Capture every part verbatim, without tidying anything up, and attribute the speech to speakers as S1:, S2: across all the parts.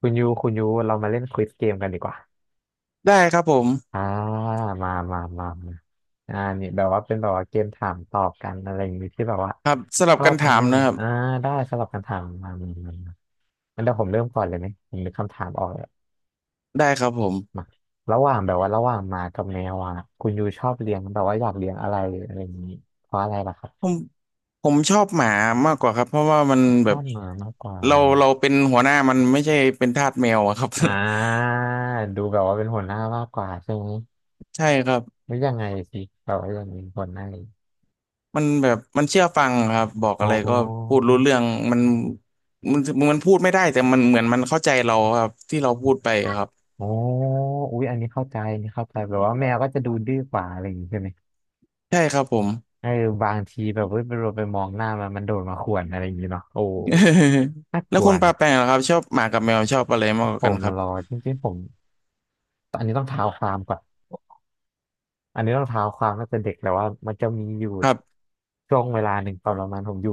S1: คุณยูคุณยูเรามาเล่นควิซเกมกันดีกว่า
S2: ได้ครับผม
S1: อ่ามามามามาอ่านี่แบบว่าเป็นแบบว่าเกมถามตอบกันอะไรอย่างนี้ที่แบบว่า
S2: ครับส
S1: ช
S2: ลับ
S1: อ
S2: กั
S1: บ
S2: น
S1: อัน
S2: ถาม
S1: นู้น
S2: นะครับ
S1: อ่าได้สำหรับคำถามมามามามางั้นเดี๋ยวผมเริ่มก่อนเลยไหมผมนึกคำถามออกแล้ว
S2: ได้ครับผม
S1: มาระหว่างแบบว่าระหว่างหมากับแมวอ่ะคุณยูชอบเลี้ยงแบบว่าอยากเลี้ยงอะไรอะไรอย่างนี้เพราะอะไรล่ะครับ
S2: ผมผมชอบหมามากกว่าครับเพราะว่ามัน
S1: ช
S2: แบ
S1: อ
S2: บ
S1: บหมามากกว่า
S2: เราเราเป็นหัวหน้ามันไม่ใช่เป็นทาสแมวอะครับ
S1: อ่าดูแบบว่าเป็นหัวหน้ามากกว่าใช่ไหม
S2: ใช่ครับ
S1: หรือยังไงสิแบบว่ายังเป็นหัวหน้า
S2: มันแบบมันเชื่อฟังครับบอก
S1: อ๋อ
S2: อะไรก็พูดรู้เรื่องมันมันมันพูดไม่ได้แต่มันเหมือนมันเข้าใจเราครับที่เราพูดไปครับ
S1: อ๋ออุ๊ยอันนี้เข้าใจอันนี้เข้าใจแบบว่าแมวก็จะดูดื้อกว่าอะไรอย่างงี้ใช่ไหม
S2: ใช่ครับผม
S1: เออบางทีแบบเว้ยไปเราไปมองหน้ามันมันโดดมาข่วนอะไรอย่างงี้เนาะโอ้น่า
S2: แล้
S1: ก
S2: ว
S1: ลัว
S2: คุณปา
S1: นะ
S2: แปงล่ะครับชอบหมากับแมวชอบอะไรมากก
S1: ผ
S2: ว่ากัน
S1: ม
S2: ค
S1: มา
S2: รับ
S1: รอจริงๆ ผม อันนี้ต้องเท้าความก่อนอันนี้ต้องเท้าความตั้งแต่เด็กแล้วว่ามันจะมีอยู่
S2: ครับ
S1: ช่วงเวลาหนึ่งตอนประมาณผมอยู่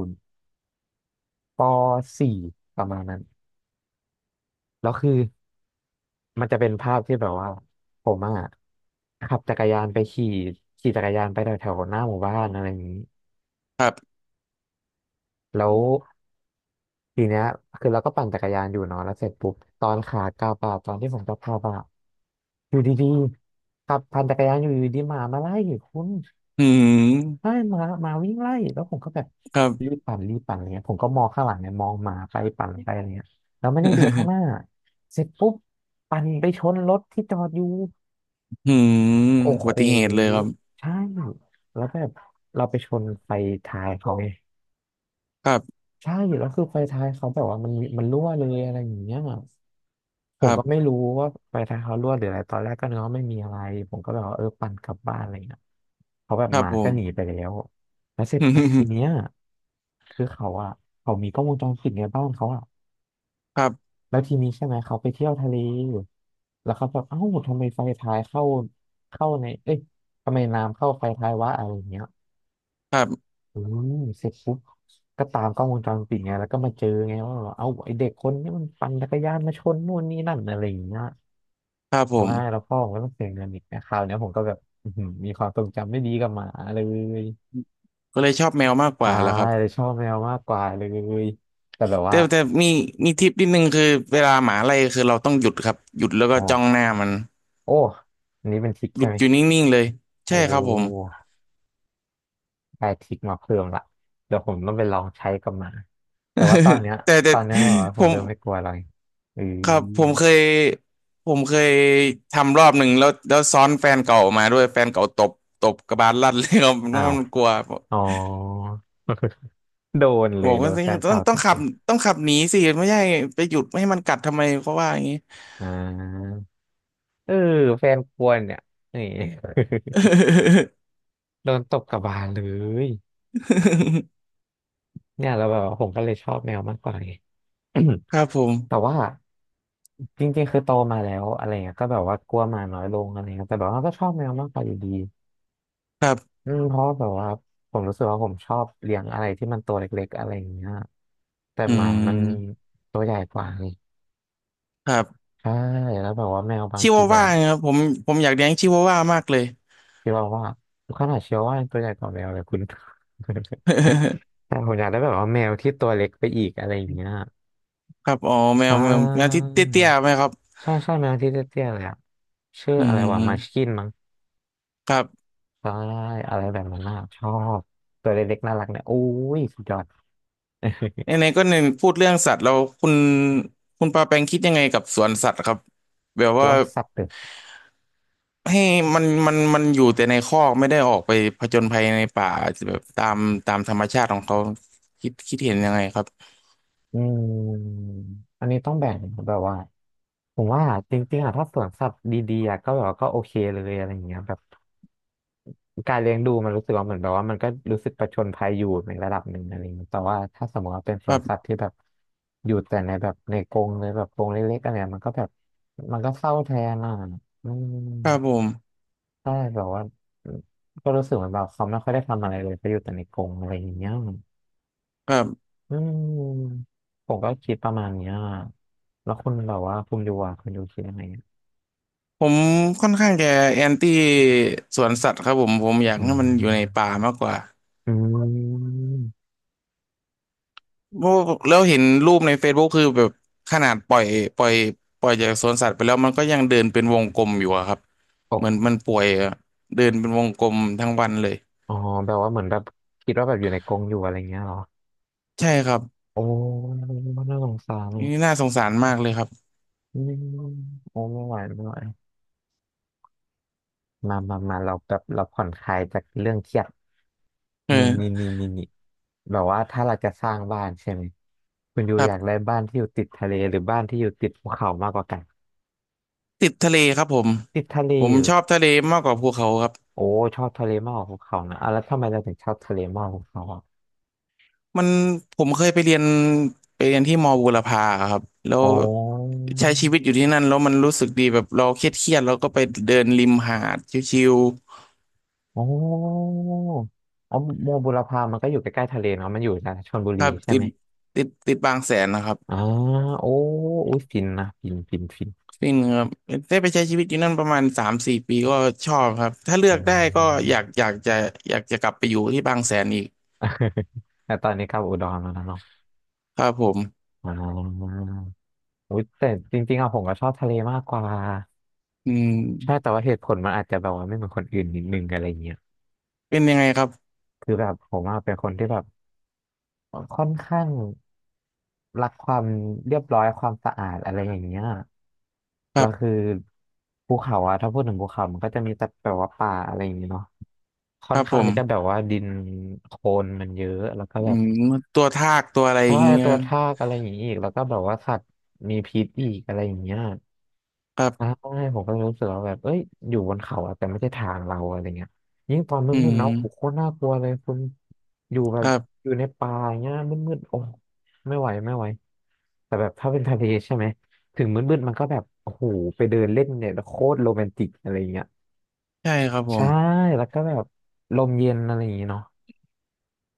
S1: ปสี่ประมาณนั้น แล้วคือมันจะเป็นภาพที่แบบว่าผมอะขับจักรยานไปขี่ขี่จักรยานไปแถวแถวหน้าหมู่บ้านอะไรอย่างนี้
S2: ครับ
S1: แล้วทีเนี้ยคือเราก็ปั่นจักรยานอยู่เนาะแล้วเสร็จปุ๊บตอนขากลับอะตอนที่ผมจะพาบอะอยู่ดีๆขับปั่นจักรยานอยู่อยู่ดีหมามาไล่คุณ
S2: อื
S1: ใช่
S2: ม
S1: หมาหมาวิ่งไล่แล้วผมก็แบบ
S2: ครับ
S1: รีบปั่นรีบปั่นอะไรเงี้ยผมก็มองข้างหลังเนี่ยมองหมาไปปั่นไปอะไรเงี้ยแล้วไม่ได้ดูข้างหน้า เสร็จปุ๊บปั่นไปชนรถที่จอดอยู่
S2: อืม
S1: โอ้
S2: อุ
S1: โห
S2: บัติเหตุเลยครับ
S1: ใช่แล้วแบบเราไปชนไฟท้ายเขาไง
S2: ครับ
S1: ใช่แล้วคือไฟท้ายเขาแบบว่ามันมีมันรั่วเลยอะไรอย่างเงี้ยผ
S2: ค
S1: ม
S2: รั
S1: ก็ไม่
S2: บ
S1: รู้ว่าไฟท้ายเขารั่วหรืออะไรตอนแรกก็นึกว่าไม่มีอะไรผมก็แบบว่าเออปั่นกลับบ้านอะไรเงี้ยเขาแบบ
S2: ค
S1: ห
S2: รับ
S1: มา
S2: ผ
S1: ก็
S2: ม
S1: หนีไปแล้วแล้วเสร็จปุ๊บที เนี้ยคือเขาอะเขามีกล้องวงจรปิดในบ้านเขาอะ
S2: ครับ
S1: แล้วทีนี้ใช่ไหมเขาไปเที่ยวทะเลอยู่แล้วเขาแบบเอ้าทำไมไฟท้ายเข้าเข้าในเอ้ยทำไมน้ำเข้าไฟท้ายวะอะไรอย่างเงี้ย
S2: ครับ
S1: อืมเสร็จปุ๊บก็ตามกล้องวงจรปิดไงแล้วก็มาเจอไงว่าแบบเอาไอเด็กคนนี้มันปั่นจักรยานมาชนนู่นนี่นั่นอะไรอย่างเงี้ย
S2: ครับผ
S1: มาแล้ว
S2: ม
S1: พ่อผมก็ต้องเสียเงินอีกนะคราวเนี้ยผมก็แบบอื้อหือมีความทรงจำไม่ดีกับหมาเลย
S2: ก็เลยชอบแมวมากก
S1: ตา
S2: ว่าแหละครั
S1: ย
S2: บ
S1: เลยชอบแมวมากกว่าเลยแต่แบบ
S2: แต่
S1: ว่า
S2: แต่มีมีทิปนิดนึงคือเวลาหมาไล่คือเราต้องหยุดครับหยุดแล้วก็
S1: อ๋อ
S2: จ้องหน้ามัน
S1: โอ้อันนี้เป็นทริค
S2: ห
S1: ใช่
S2: ยุด
S1: ไหม
S2: อยู่นิ่งๆเลย
S1: โอ้
S2: ใช่ครับผม
S1: ได้ทริคมาเพิ่มละเดี๋ยวผมต้องไปลองใช้กับหมาแต่ว่าตอนเนี้ ย
S2: แต่แต่
S1: ตอนเนี้ยแบบว่า
S2: ผ
S1: ผม
S2: ม
S1: เริ่มไม่กลัวอะไรอื
S2: ครับผมเค
S1: อ
S2: ยผมเคยทำรอบหนึ่งแล้วแล้วซ้อนแฟนเก่ามาด้วยแฟนเก่าตบตบกระบาลลั่นเลยครับ มั
S1: อ้า
S2: น
S1: ว
S2: มันกลัว
S1: อ๋อ โดนเล
S2: บอ
S1: ย
S2: ก
S1: โด
S2: ว่า
S1: น
S2: สิ
S1: แฟน
S2: ต้อง
S1: เก่า
S2: ต้
S1: ต
S2: อง
S1: บ
S2: ขับต้องขับหนีสิไม่ใช่ไปหยุดไม่ให้มันกัดทำไมเขาว่าอย่างนี้
S1: อ่าเออแฟนควรเนี่ยนี่ โดนตบกลับบานเลยเนี่ยแล้วแบบว่าผมก็เลยชอบแมวมากกว่าไง
S2: ครับผ
S1: แต่
S2: ม
S1: ว่าจริงๆคือโตมาแล้วอะไรเงี้ยก็แบบว่ากลัวหมาน้อยลงอะไรเงี้ยแต่แบบว่าก็ชอบแมวมากกว่าอยู่ดี
S2: ครับ
S1: อืมเพราะว่าแบบว่าผมรู้สึกว่าผมชอบเลี้ยงอะไรที่มันตัวเล็กๆอะไรอย่างเงี้ยแต่
S2: อื
S1: หมามัน
S2: ม
S1: ตัวใหญ่กว่าไง
S2: ครับ
S1: ใช่แล้วแบบว่าแมวบาง
S2: ชิ
S1: ที
S2: วา
S1: แบ
S2: ว่า
S1: บ
S2: ครับผมผมอยากเลี้ยงชิวาว่ามากเลย
S1: คิดวาว่าขนาดเชืวอว่ายังตัวใหญ่กว่าแมวเลยคุณ แต่ ผมอยากได้แบบว่าแมวที่ตัวเล็กไปอีกอะไรอย่างเงี้ย
S2: ครับอ๋อแม
S1: ใช่
S2: วแมวแมวที่เตี้ยๆไหมครับ
S1: ใช่ใช่แมวที่เตี้ยๆเลยอะชื่อ
S2: อื
S1: อะไรวะมาชกิ
S2: ม
S1: นมั้ง
S2: ครับ
S1: ใช่อะไรแบบนั้นน่ะชอบตัวเล็กๆน่ารักเนี่ยโอ้ยสุดยอด
S2: ไหนๆก็หนึ่งพูดเรื่องสัตว์แล้วคุณคุณปาแปงคิดยังไงกับสวนสัตว์ครับแบบ
S1: ตั
S2: ว่า
S1: วสัตว์ตึก
S2: ให้มันมันมันอยู่แต่ในคอกไม่ได้ออกไปผจญภัยในป่าแบบตามตามธรรมชาติของเขาคิดคิดเห็นยังไงครับ
S1: อืมอันนี้ต้องแบ่งแบบว่าผมว่าจริงๆอะถ้าสวนสัตว์ดีๆอะก็แบบว่าก็โอเคเลยอะไรอย่างเงี้ยแบบ การเลี้ยงดูมันรู้สึกว่าเหมือนแบบว่ามันก็รู้สึกประชนภัยอยู่ในระดับหนึ่งอะไรอย่างเงี้ยแต่ว่าถ้าสมมติว่าเป็นส
S2: ค
S1: ว
S2: รั
S1: นสัต
S2: บ
S1: ว์ที่แบบอยู่แต่ในแบบในกรงเลยแบบกรงเล็กๆอะไรเงี้ยมันก็แบบมันก็เศร้าแทนอ่ะอืม
S2: ครับผม
S1: ใช่แบบว่าก็รู้สึกเหมือนแบบเขาไม่ค่อยได้ทำอะไรเลยเขาอยู่แต่ในกรงอะไรอย่างเงี้ย
S2: ครับ
S1: อืมผมก็คิดประมาณเนี้ยแล้วคุณแบบว่าคุณอยูอ่ะคุณอยูคิดยังไงอะ
S2: ผมค่อนข้างจะแอนตี้สวนสัตว์ครับผมผมอยาก
S1: อื
S2: ให้
S1: ม
S2: มันอยู่ในป่ามากกว่า
S1: อืม
S2: เพราะแล้วเห็นรูปใน Facebook คือแบบขนาดปล่อยปล่อยปล่อยจากสวนสัตว์ไปแล้วมันก็ยังเดินเป็นวงกลมอยู่อะครับ
S1: โอ
S2: เหมือนมั
S1: ้
S2: นป่วยอะเดินเป็นวงกลมทั้งวันเลย
S1: อ๋อแบบว่าเหมือนแบบคิดว่าแบบอยู่ในกรงอยู่อะไรเงี้ยเหรอ
S2: ใช่ครับ
S1: โอ้น่าสงสารเนี่ย
S2: นี่น่าสงสารมากเลยครับ
S1: อืมโอ้ไม่ไหวไม่ไหวมามา มาเราแบบเราผ่อนคลายจากเรื่องเครียด
S2: เอ
S1: นี่นี่
S2: อ
S1: นี่นี่นี่แบบว่าถ้าเราจะสร้างบ้านใช่ไหมคุณยู
S2: ครั
S1: อยากได้
S2: บ
S1: บ้านที่อยู่ติดทะเลหรือบ้านที่อยู่ติดภูเขามากกว่ากัน
S2: ติดทะเลครับผม
S1: ติดทะเล
S2: ผ
S1: อ
S2: ม
S1: ยู่
S2: ชอบทะเลมากกว่าภูเขาครับ
S1: โอ้ชอบทะเลมากกว่าภูเขานะอ่ะแล้วทำไมเราถึงชอบทะเลมากกว่าภูเขาอ่ะ
S2: มันผมเคยไปเรียนไปเรียนที่มอบูรพาครับแล้ว
S1: อ๋อ
S2: ใช้ชีวิตอยู่ที่นั่นแล้วมันรู้สึกดีแบบเราเครียดเครียดแล้วก็ไปเดินริมหาดชิว
S1: อ๋ออ๋อโมบุรพามันก็อยู่ใกล้ๆทะเลเนาะมันอยู่นะชลบุ
S2: ๆค
S1: รี
S2: รับ
S1: ใช่
S2: ติ
S1: ไหม
S2: ดติดติดบางแสนนะครับ
S1: อ่าโอ้อุยฟินนะฟินฟินฟิน
S2: ฟินครับได้ไปใช้ชีวิตอยู่นั่นประมาณสามสี่ปีก็ชอบครับถ้าเลื
S1: อื
S2: อกได้ก็อ
S1: ม
S2: ยากอยากจะอยากจะกลับไปอยู่ที่บางแสนอีก
S1: แต่ตอนนี้กลับอุดรแล้วนะเนาะ
S2: ครับผม
S1: อ่าอุยแต่จริงๆอะผมก็ชอบทะเลมากกว่า
S2: อื
S1: ใช่
S2: ม
S1: แต่ว่าเหตุผลมันอาจจะแบบว่าไม่เหมือนคนอื่นนิดนึงอะไรเงี้ย
S2: เป็นยังไงครับ
S1: คือแบบผมอะเป็นคนที่แบบ ค่อนข้างรักความเรียบร้อยความสะอาดอะไรอย่างเงี้ย
S2: ค
S1: แล้
S2: รั
S1: วคือ
S2: บ
S1: ภูเขาอะถ้าพูดถึงภูเขามันก็จะมีแต่แบบว่าป่าอะไรอย่างเงี้ยเนาะค่
S2: ค
S1: อน
S2: รับผ
S1: ข้าง
S2: ม
S1: ที่จะแบบว่าดินโคลนมันเยอะแล้วก็
S2: อื
S1: แบบ
S2: มตัวทากตัวอะไรอ
S1: ใช่
S2: ย่างเงี้ย
S1: ตัวทากอะไรอย่างงี้อีกแล้วก็แบบว่าสัตว์มีพิษอีกอะไรอย่างเงี้ย
S2: ครั
S1: ใช่
S2: บ
S1: ผมก็เลยรู้สึกว่าแบบเอ้ยอยู่บนเขาอะแต่ไม่ใช่ทางเราอะไรเงี้ยยิ่งตอนมื
S2: อื
S1: ดๆ
S2: ม
S1: เนาะโอ้โหโคตรน่ากลัวเลยคุณอยู่แบ
S2: ค
S1: บ
S2: รับ
S1: อยู่ในป่าอย่างเงี้ยมืดๆโอ้ไม่ไหวไม่ไหวแต่แบบถ้าเป็นทะเลใช่ไหมถึงมืดๆมันก็แบบโอ้โหไปเดินเล่นเนี่ยโคตรโรแมนติกอะไรเงี้ย
S2: ใช่ครับผ
S1: ใช่
S2: ม
S1: แล้วก็แบบลมเย็นอะไรอย่างเงี้เนาะ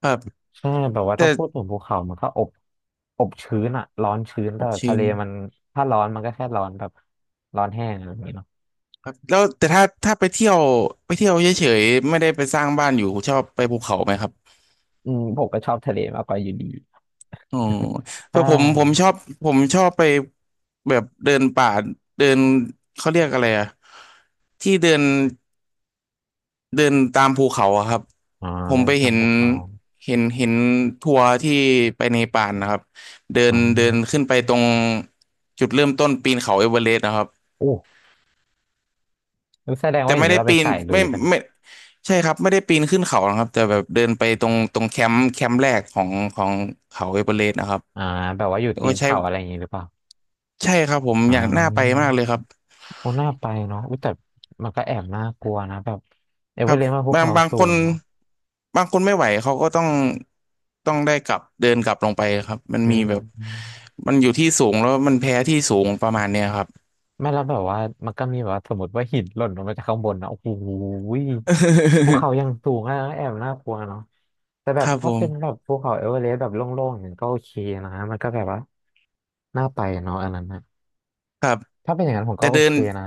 S2: ครับ
S1: ใช่แบบว่า
S2: แต่
S1: ถ้าพูดถึงภูเขามันก็อบอบชื้นอะร้อนชื้น
S2: โอ
S1: แต่
S2: เค
S1: ทะเลมันถ้าร้อนมันก็แค่ร้อนแบบร้อนแห้งอะไรอย่างเงี้ย
S2: ครับแล้วแต่ถ้าถ้าไปเที่ยวไปเที่ยวเฉยๆไม่ได้ไปสร้างบ้านอยู่ชอบไปภูเขาไหมครับ
S1: อืมผมก็ชอบทะเลมากกว่าอยู่ดี
S2: อ๋อ เพ
S1: ใช่
S2: ราะผมผมชอบผมชอบไปแบบเดินป่าเดินเขาเรียกอะไรอะที่เดิน เดินตามภูเขาอะครับ
S1: อ๋อ
S2: ผม
S1: เริ่
S2: ไป
S1: ม
S2: เห็น
S1: ทำพวกน้อง
S2: เห็นเห็นทัวร์ที่ไปเนปาลนะครับเดิน
S1: น้อง
S2: เดินขึ้นไปตรงจุดเริ่มต้นปีนเขาเอเวอเรสต์นะครับ
S1: โอ้แล้วแสดง
S2: แต่
S1: ว่าอย่า
S2: ไม่
S1: งนี้
S2: ได้
S1: เราเป็
S2: ปี
S1: น
S2: น
S1: สายลุ
S2: ไม่
S1: ยเป็น
S2: ไม่
S1: ย
S2: ใช่ครับไม่ได้ปีนขึ้นเขานะครับแต่แบบเดินไปตรงตรงแคมป์แคมป์แรกของของเขาเอเวอเรสต์นะครับ
S1: อ่าแบบว่าอยู่
S2: แล้ว
S1: ตี
S2: ก็
S1: น
S2: ใช้
S1: เขาอะไรอย่างนี้หรือเปล่า
S2: ใช่ครับผม
S1: อ๋
S2: อยากน่าไป
S1: อ
S2: มากเลยครับ
S1: โอ้น่าไปเนาะอุ๊ยแต่มันก็แอบน่ากลัวนะแบบเอ
S2: ค
S1: เวอ
S2: รับ
S1: เรสต์มาภู
S2: บาง
S1: เขา
S2: บาง
S1: สู
S2: คน
S1: งเนาะ
S2: บางคนไม่ไหวเขาก็ต้องต้องได้กลับเดินกลับลงไปครับมัน
S1: อื
S2: มีแบบ
S1: ม
S2: มันอยู่ที่สูงแล้วมันแพ้ที่สูงประมาณเนี้ยครับ
S1: ไม่แล้วแบบว่ามันก็มีแบบว่าสมมติว่าหินหล่นลงมาจากข้างบนนะโอ้โหยภู เขายังสูงอ่ะแอบน่ากลัวเนาะแต่แบ
S2: ค
S1: บ
S2: รับผ
S1: ถ้า
S2: ม
S1: เป็นแบบภูเขาเอเวอเรสต์แบบโล่งๆอย่างนั้นก็โอเคนะมันก็แบบว่าน่าไปเนาะอันนั้นนะ
S2: ครับ
S1: ถ้าเป็นอย่างนั้นผม
S2: แต่
S1: ก็โอ
S2: เดิ
S1: เค
S2: น
S1: นะ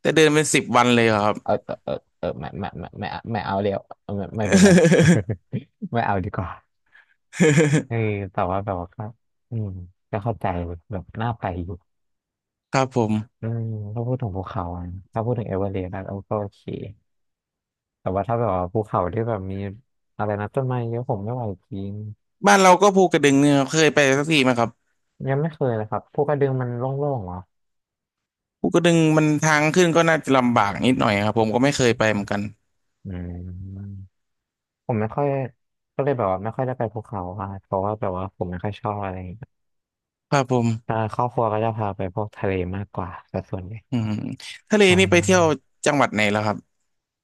S2: แต่เดินเป็นสิบวันเลยเหรอครับ
S1: เออเออเออเออไม่ไม่ไม่ไม่ไม่ไม่เอาเดี๋ยวไม่ไม่เป็นไร ไม่เอาดีกว่าเออ แต่ว่าแบบว่าก็อืมก็เข้าใจแบบน่าไปอยู่
S2: ครับผม
S1: อืมถ้าพูดถึงภูเขาอะถ้าพูดถึงเอเวอเรสต์ก็โอเค แต่ว่าถ้าแบบว่าภูเขาที่แบบมีอะไรนะต้นไม้เยอะผมไม่ไหวจริง
S2: บ้านเราก็ภูกระดึงเนี่ยครับเคยไปสักทีไหมครับ
S1: ยังไม่เคยเลยครับภูกระดึงมันโล่งๆเหรอ
S2: ภูกระดึงมันทางขึ้นก็น่าจะลำบากนิดหน่อยครับผมก็ไม่เคยไปเหมือนกัน
S1: อืมผมไม่ค่อยก็เลยแบบว่าไม่ค่อยได้ไปภูเขาอะเพราะว่าแบบว่าผมไม่ค่อยชอบอะไรอย่างเงี้ย
S2: ครับผม
S1: ถ้าครอบครัวก็จะพาไปพวกทะเลมากกว่าแต่ส่วนใหญ่
S2: อืมทะเล
S1: ใช
S2: นี่ไปเที่ยว
S1: ่
S2: จังหวัดไหนแล้วครับ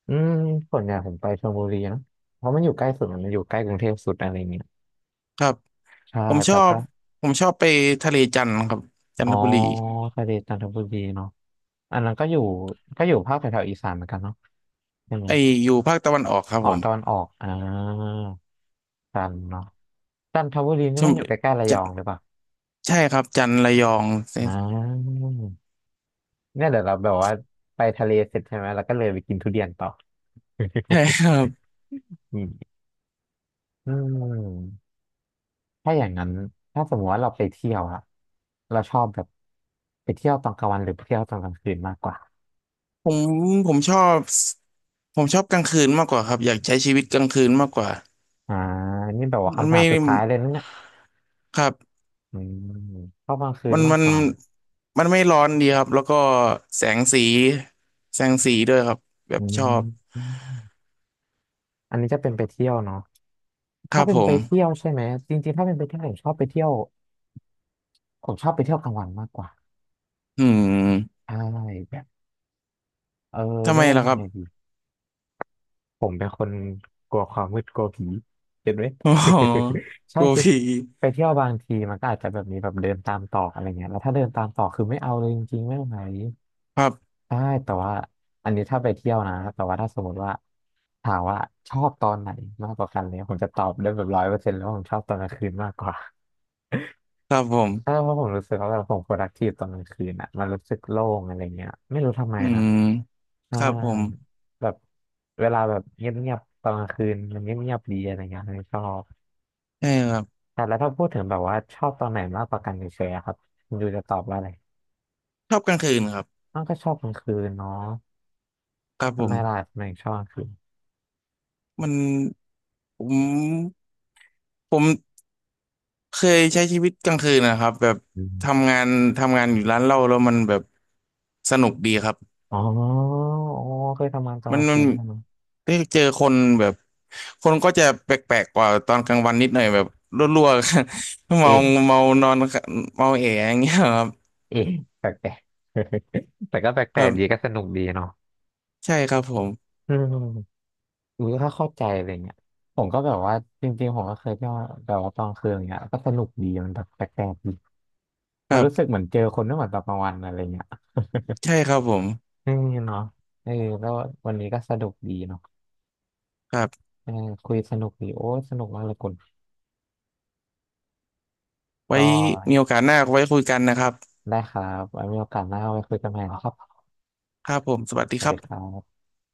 S1: อืมส่วนใหญ่ผมไปชลบุรีนะเพราะมันอยู่ใกล้สุดอะมันอยู่ใกล้กรุงเทพสุดอะไรเงี้ย
S2: ครับ
S1: ใช่
S2: ผมช
S1: แต่
S2: อบ
S1: ก็
S2: ผมชอบไปทะเลจันทร์ครับจั
S1: อ๋
S2: น
S1: อ
S2: ทบุรี
S1: ทะเลจันทบุรีเนาะอันนั้นก็อยู่ก็อยู่ภาคแถวๆอีสานเหมือนกันเนาะใช่ไหม
S2: ไออยู่ภาคตะวันออกครับ
S1: อ๋อ
S2: ผม
S1: ตอนออกอ่าจันทร์เนาะจันทบุรีนี่
S2: ช
S1: มั
S2: ม
S1: นอยู่ใกล้ๆระย
S2: จะ
S1: องหรือเปล่า
S2: ใช่ครับจันทร์ระยองใช่
S1: อ่าเนี่ยเดี๋ยวเราแบบว่าไปทะเลเสร็จใช่ไหมแล้วก็เลยไปกินทุเรียนต่อ
S2: ใช่ครับ
S1: อืมอืมถ้าอย่างนั้นถ้าสมมติว่าเราไปเที่ยวอะเราชอบแบบไปเที่ยวตอนกลางวันหรือไปเที่ยวตอนกลางคืนมากกว่า
S2: ผมผมชอบผมชอบกลางคืนมากกว่าครับอยากใช้ชีวิตกลางคืนมากกว่า
S1: อ่านี่แบบว่า
S2: มัน
S1: คำถา
S2: ไม่
S1: มสุดท้ายเลยนะเนี่ย
S2: ครับ
S1: อืมชอบกลางคืน
S2: มัน
S1: มาก
S2: มัน
S1: กว่า
S2: มันไม่ร้อนดีครับแล้วก็แสงสีแสงสีด้วยครับแบ
S1: อื
S2: บชอบ
S1: มอันนี้จะเป็นไปเที่ยวเนาะ
S2: ค
S1: ถ้า
S2: รับ
S1: เป็
S2: ผ
S1: นไป
S2: ม
S1: เที่ยวใช่ไหมจริงๆถ้าเป็นไปเที่ยวผมชอบไปเที่ยวผมชอบไปเที่ยวกลางวันมากกว่า
S2: อืม
S1: ใช่แบบเออ
S2: ทำ
S1: เรี
S2: ไม
S1: ยกว่า
S2: ล่ะค
S1: ยัง
S2: รับ
S1: ไงดีผมเป็นคนกลัวความมืดกลัวผีเห็นไหม
S2: โอ๋อ ก
S1: ใช่
S2: ลัว
S1: คือ
S2: ผี
S1: ไปเที่ยวบางทีมันก็อาจจะแบบมีแบบเดินตามตอกอะไรเงี้ยแล้วถ้าเดินตามตอกคือไม่เอาเลยจริงๆไม่ไหว
S2: ครับ
S1: ใช่แต่ว่าอันนี้ถ้าไปเที่ยวนะแต่ว่าถ้าสมมติว่าถามว่าชอบตอนไหนมากกว่ากันเนี่ยผมจะตอบได้แบบร้อยเปอร์เซ็นต์แล้ววาผมชอบตอนกลางคืนมากกว่า
S2: ครับผ
S1: ใช่
S2: ม
S1: เพราะผมรู้สึกว่าแบบผม productive ตอนกลางคืนอ่ะมันรู้สึกโล่งอะไรเงี้ยไม่รู้ทำไม
S2: อื
S1: นะ
S2: มค
S1: ใช่
S2: รับผม
S1: แบบเวลาแบบเงียบๆตอนกลางคืนมันเงียบๆดีอะไรเงี้ยเลยชอบ
S2: ใช่ครับ
S1: แต่แล้วถ้าพูดถึงแบบว่าชอบตอนไหนมากกว่ากันเฉยๆอะครับคุณยูจะตอบว่าอะไร
S2: ชอบกลางคืนครับ
S1: อ้าวก็ชอบกลางคืนเนาะ
S2: ครับผ
S1: ทำไมล่ะ
S2: ม
S1: ทำไมถึงชอบกลางคืน
S2: มันผมผมเคยใช้ชีวิตกลางคืนนะครับแบบ
S1: อืม
S2: ทำงานทำงานอยู่ร้านเหล้าแล้วมันแบบสนุกดีครับ
S1: อ๋ออ๋อเคยทำงานตอน
S2: มั
S1: ก
S2: น
S1: ลาง
S2: มั
S1: คื
S2: น
S1: นไหมเนาะ
S2: ได้เจอคนแบบคนก็จะแปลกๆกว่าตอนกลางวันนิดหน่อยแบบรั่วๆ เมา
S1: เอ๊ะ
S2: เมานอนเมาเอะอย่างเงี้ยครับ
S1: เอ๊ะแปลกๆ แต่ก็แป
S2: ค
S1: ล
S2: รั
S1: กๆดีก็
S2: บ
S1: สนุกดีเนาะ
S2: ใช่ครับผม
S1: อืม อุ้ยก็เข้าใจอะไรเงี้ยผมก็แบบว่าจริงๆผมก็เคยเที่ยวแบบว่าตอนคืนอย่างเงี้ยก็สนุกดีมันแบบแปลกๆดี
S2: ค
S1: มั
S2: รั
S1: นรู้สึก
S2: บ
S1: เหมือนเจอคนไม่เหมือนตอนกลางวันอะไรเงี้ย
S2: ใช่ครับผม
S1: เอืเนาะเออแล้ววันนี้ก็สนุกดีเนาะ
S2: ครับ
S1: เออคุยสนุกดีโอ้สนุกมากเลยคุณ
S2: ไว้
S1: ก็
S2: มีโอกาสหน้าไว้คุยกันนะครับ
S1: ได้ครับไว้มีโอกาสหน้าไว้คุยกันใหม่นะครับ
S2: ครับผมสวัสดี
S1: สวั
S2: ค
S1: ส
S2: รั
S1: ดีครั
S2: บ
S1: บ